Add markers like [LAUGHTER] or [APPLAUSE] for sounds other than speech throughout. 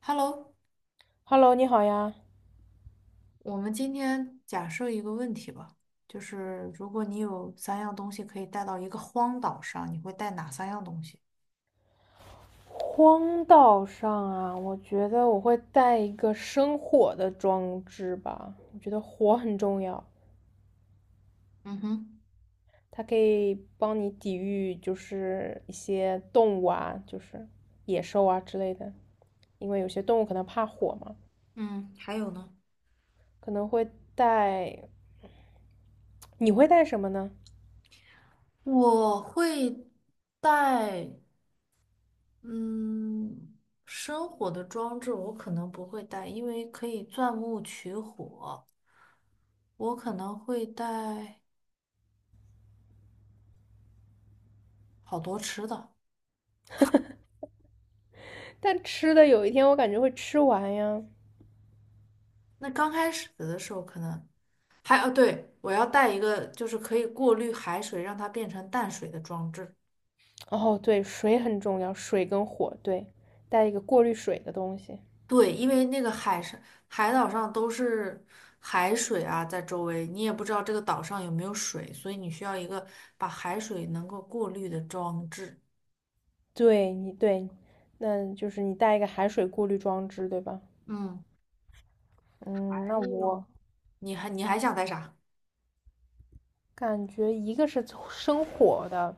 Hello，Hello，你好呀。我们今天假设一个问题吧，就是如果你有三样东西可以带到一个荒岛上，你会带哪三样东西？荒岛上啊，我觉得我会带一个生火的装置吧。我觉得火很重要，嗯哼。它可以帮你抵御就是一些动物啊，就是野兽啊之类的。因为有些动物可能怕火嘛，嗯，还有呢？可能会带。你会带什么呢？我会带，嗯，生火的装置我可能不会带，因为可以钻木取火。我可能会带好多吃的。但吃的有一天我感觉会吃完呀。那刚开始的时候可能还哦，对，我要带一个就是可以过滤海水，让它变成淡水的装置。哦，对，水很重要，水跟火，对，带一个过滤水的东西。对，因为那个海上海岛上都是海水啊，在周围，你也不知道这个岛上有没有水，所以你需要一个把海水能够过滤的装置。对你对，那就是你带一个海水过滤装置，对吧？嗯，还嗯，那有，我你还想带啥？感觉一个是生火的，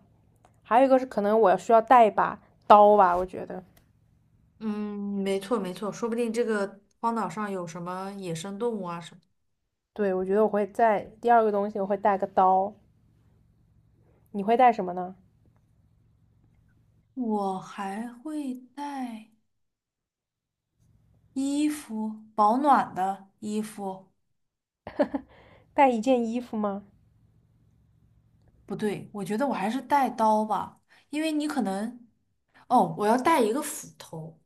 还有一个是可能我需要带一把刀吧，我觉得。嗯，没错没错，说不定这个荒岛上有什么野生动物啊什么。对，我觉得我会带第二个东西，我会带个刀。你会带什么呢？我还会带衣服，保暖的衣服，带一件衣服吗？不对，我觉得我还是带刀吧，因为你可能，哦，我要带一个斧头，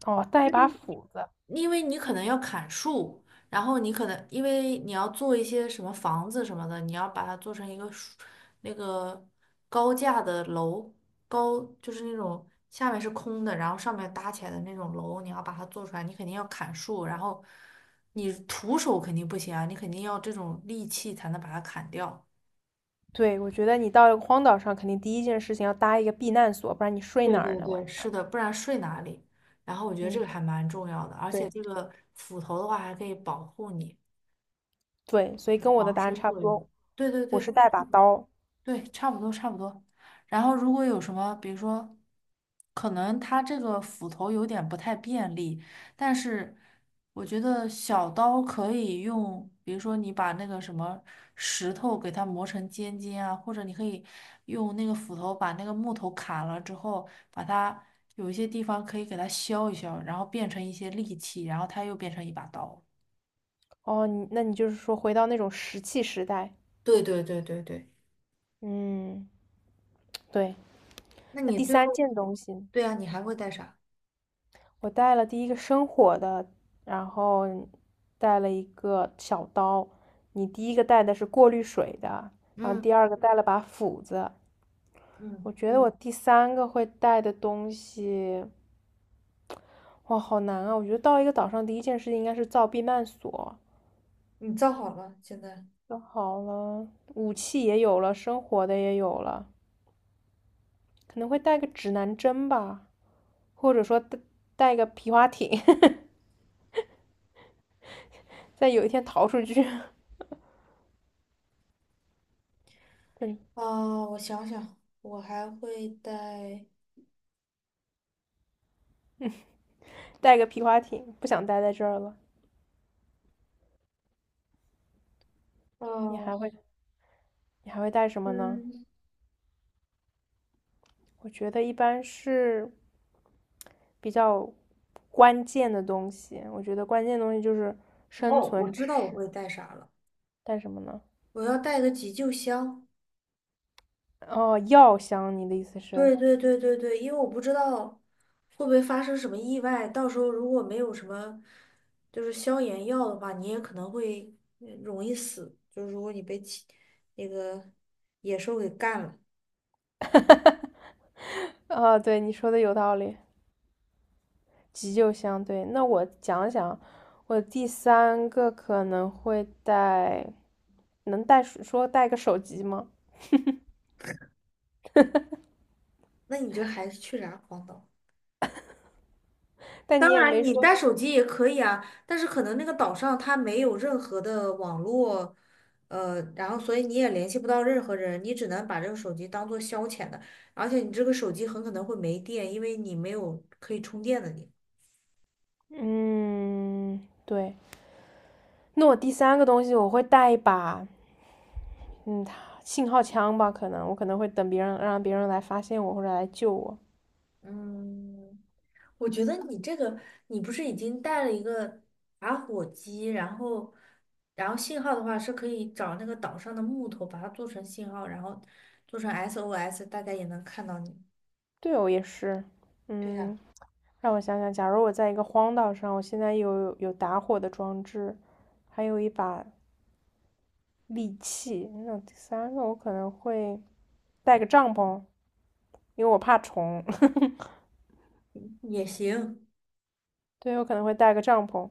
哦，带一把斧子。因为你可能要砍树，然后你可能因为你要做一些什么房子什么的，你要把它做成一个树那个高架的楼，高就是那种下面是空的，然后上面搭起来的那种楼，你要把它做出来，你肯定要砍树，然后你徒手肯定不行啊，你肯定要这种利器才能把它砍掉。对，我觉得你到一个荒岛上，肯定第一件事情要搭一个避难所，不然你睡对哪儿对呢？晚对，上？是的，不然睡哪里？然后我觉得这个嗯，还蛮重要的，而且对这个斧头的话还可以保护你，对，所以跟我的防答案身差不作用。多，对对我是对，带把刀。对，差不多差不多。然后如果有什么，比如说，可能它这个斧头有点不太便利，但是我觉得小刀可以用，比如说你把那个什么石头给它磨成尖尖啊，或者你可以用那个斧头把那个木头砍了之后，把它有一些地方可以给它削一削，然后变成一些利器，然后它又变成一把刀。哦，你那你就是说回到那种石器时代，对对对对对，嗯，对。那那你第最三后，件东西，对啊，你还会带啥？我带了第一个生火的，然后带了一个小刀。你第一个带的是过滤水的，然后第嗯二个带了把斧子。嗯。我觉得我第三个会带的东西，哇，好难啊！我觉得到一个岛上第一件事情应该是造避难所，你造好了，现在就好了，武器也有了，生活的也有了，可能会带个指南针吧。或者说带带个皮划艇，在有一天逃出去，[LAUGHS] 嗯，啊，我想想，我还会带带个皮划艇，不想待在这儿了。你哦，还会你还会带什么呢？嗯，我觉得一般是比较关键的东西，我觉得关键的东西就是生哦，我存知，知道我识。会带啥了，带什么呢？我要带个急救箱。哦，药箱，你的意思是？对对对对对，因为我不知道会不会发生什么意外，到时候如果没有什么就是消炎药的话，你也可能会容易死，就是如果你被其那个野兽给干了，哦，对，你说的有道理，急救箱。对，那我讲讲，我第三个可能会带，能带，说带个手机吗？那你这还去啥荒岛？但当你也然，没你说，带手机也可以啊，但是可能那个岛上它没有任何的网络，然后所以你也联系不到任何人，你只能把这个手机当做消遣的，而且你这个手机很可能会没电，因为你没有可以充电的你。嗯，对。那我第三个东西我会带一把，嗯，信号枪吧，可能我可能会等别人让别人来发现我或者来救我。嗯，我觉得你这个，你不是已经带了一个打火机，然后，然后信号的话是可以找那个岛上的木头，把它做成信号，然后做成 SOS，大家也能看到你。对哦，也是，对呀。嗯，让我想想，假如我在一个荒岛上，我现在有打火的装置，还有一把利器，那第三个我可能会带个帐篷，因为我怕虫。[LAUGHS] 也行，对，我可能会带个帐篷。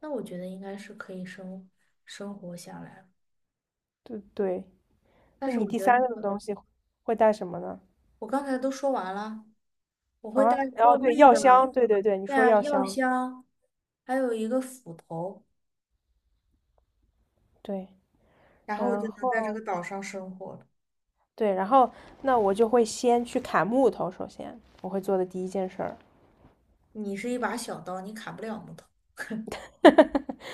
那我觉得应该是可以生活下来。对对，但那是你我第觉得三那个的个，东西会带什么呢？我刚才都说完了，我会带啊，然后过对滤药的，箱，对对对，你对说啊，药药箱，箱，还有一个斧头，对，然后我然就能在这后个岛上生活了。对，然后那我就会先去砍木头，首先我会做的第一件事儿，你是一把小刀，你砍不了木头。[LAUGHS]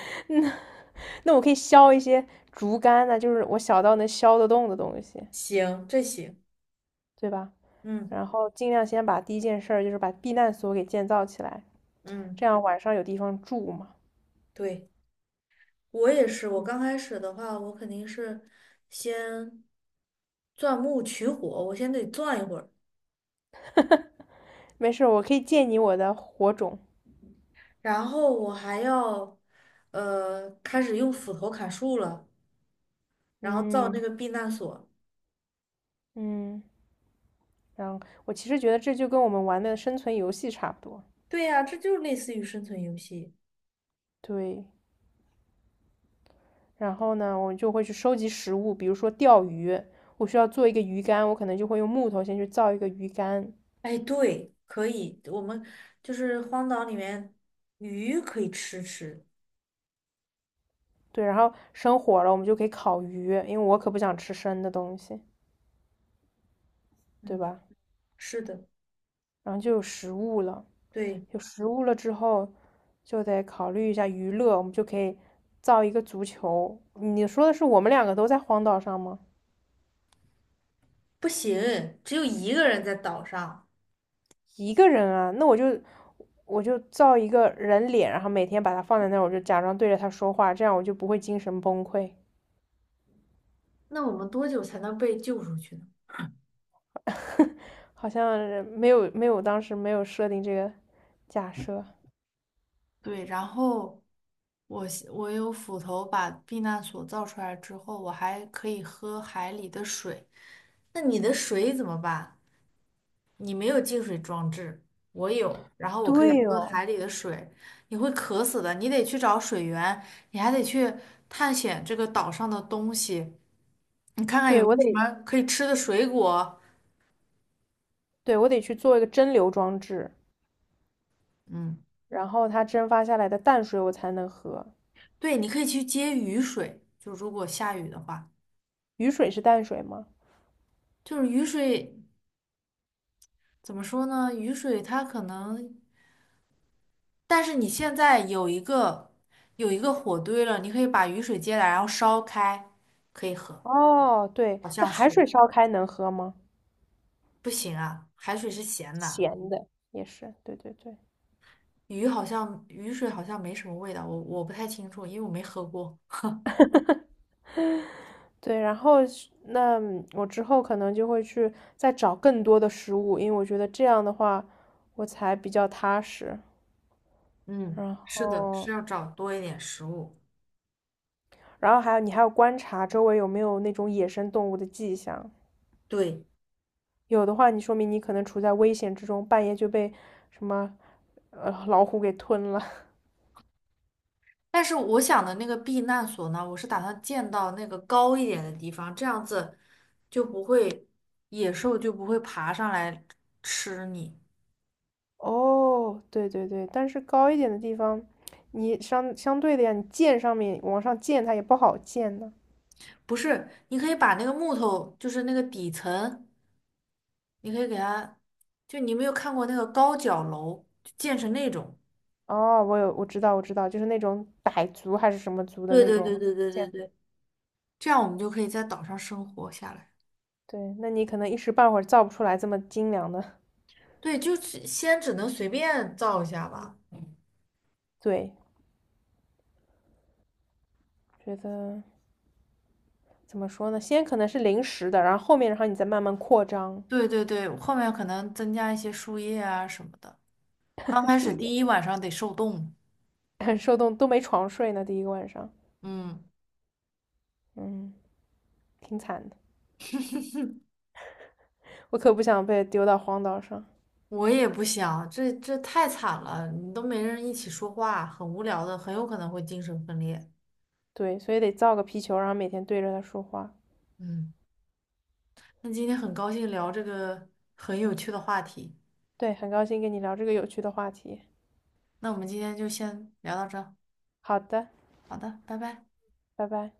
[LAUGHS] 那我可以削一些竹竿呢，就是我小到能削得动的东西，行，这行，对吧？嗯然后尽量先把第一件事儿就是把避难所给建造起来，嗯，这样晚上有地方住嘛。对，我也是。我刚开始的话，我肯定是先钻木取火，我先得钻一会儿。没事儿，我可以借你我的火种，然后我还要开始用斧头砍树了，然后造那嗯个避难所。嗯，然后我其实觉得这就跟我们玩的生存游戏差不多，对呀，这就类似于生存游戏。对。然后呢，我就会去收集食物，比如说钓鱼，我需要做一个鱼竿，我可能就会用木头先去造一个鱼竿，哎，对，可以，我们就是荒岛里面鱼可以吃吃。对，然后生火了，我们就可以烤鱼，因为我可不想吃生的东西，对嗯，吧？是的，然后就有食物了，对，有食物了之后，就得考虑一下娱乐，我们就可以造一个足球。你说的是我们两个都在荒岛上吗？不行，只有一个人在岛上，一个人啊，那我就造一个人脸，然后每天把它放在那儿，我就假装对着他说话，这样我就不会精神崩溃。那我们多久才能被救出去呢？[LAUGHS] 好像没有没有，当时没有设定这个假设。对，然后我有斧头把避难所造出来之后，我还可以喝海里的水。那你的水怎么办？你没有净水装置，我有，然后我可以对喝哦，海里的水，你会渴死的。你得去找水源，你还得去探险这个岛上的东西，你看看有对，没我有得，什么可以吃的水果。对，我得去做一个蒸馏装置，嗯，然后它蒸发下来的淡水我才能喝。对，你可以去接雨水，就如果下雨的话，雨水是淡水吗？就是雨水。怎么说呢？雨水它可能但是你现在有一个火堆了，你可以把雨水接来，然后烧开，可以喝。哦，对，好那像海是水烧开能喝吗？不行啊，海水是咸的，咸的也是，对对对，鱼好像雨水好像没什么味道，我不太清楚，因为我没喝过。[LAUGHS] 对。然后是那我之后可能就会去再找更多的食物，因为我觉得这样的话我才比较踏实。嗯，然是的，是后要找多一点食物。还有你还要观察周围有没有那种野生动物的迹象，对，有的话，你说明你可能处在危险之中，半夜就被什么老虎给吞了。但是我想的那个避难所呢，我是打算建到那个高一点的地方，这样子就不会野兽就不会爬上来吃你。[LAUGHS] 哦，对对对，但是高一点的地方，你相对的呀，你箭上面往上箭，它也不好箭呢。不是，你可以把那个木头，就是那个底层，你可以给它，就你没有看过那个高脚楼，就建成那种，哦，我有，我知道，我知道，就是那种傣族还是什么族的对那对种对对对建对筑。对，这样我们就可以在岛上生活下来。对，那你可能一时半会儿造不出来这么精良的。对，就是先只能随便造一下吧。对，觉得怎么说呢？先可能是临时的，然后后面，然后你再慢慢扩张。对对对，后面可能增加一些树叶啊什么的。刚 [LAUGHS] 开树始叶第一晚上得受冻，很 [LAUGHS] 受冻，都没床睡呢。第一个晚上，嗯，嗯，挺惨的。我可不想被丢到荒岛上。我也不想，这这太惨了，你都没人一起说话，很无聊的，很有可能会精神分裂。对，所以得造个皮球，然后每天对着它说话。嗯。那今天很高兴聊这个很有趣的话题，对，很高兴跟你聊这个有趣的话题。那我们今天就先聊到这儿好的，好的，拜拜。拜拜。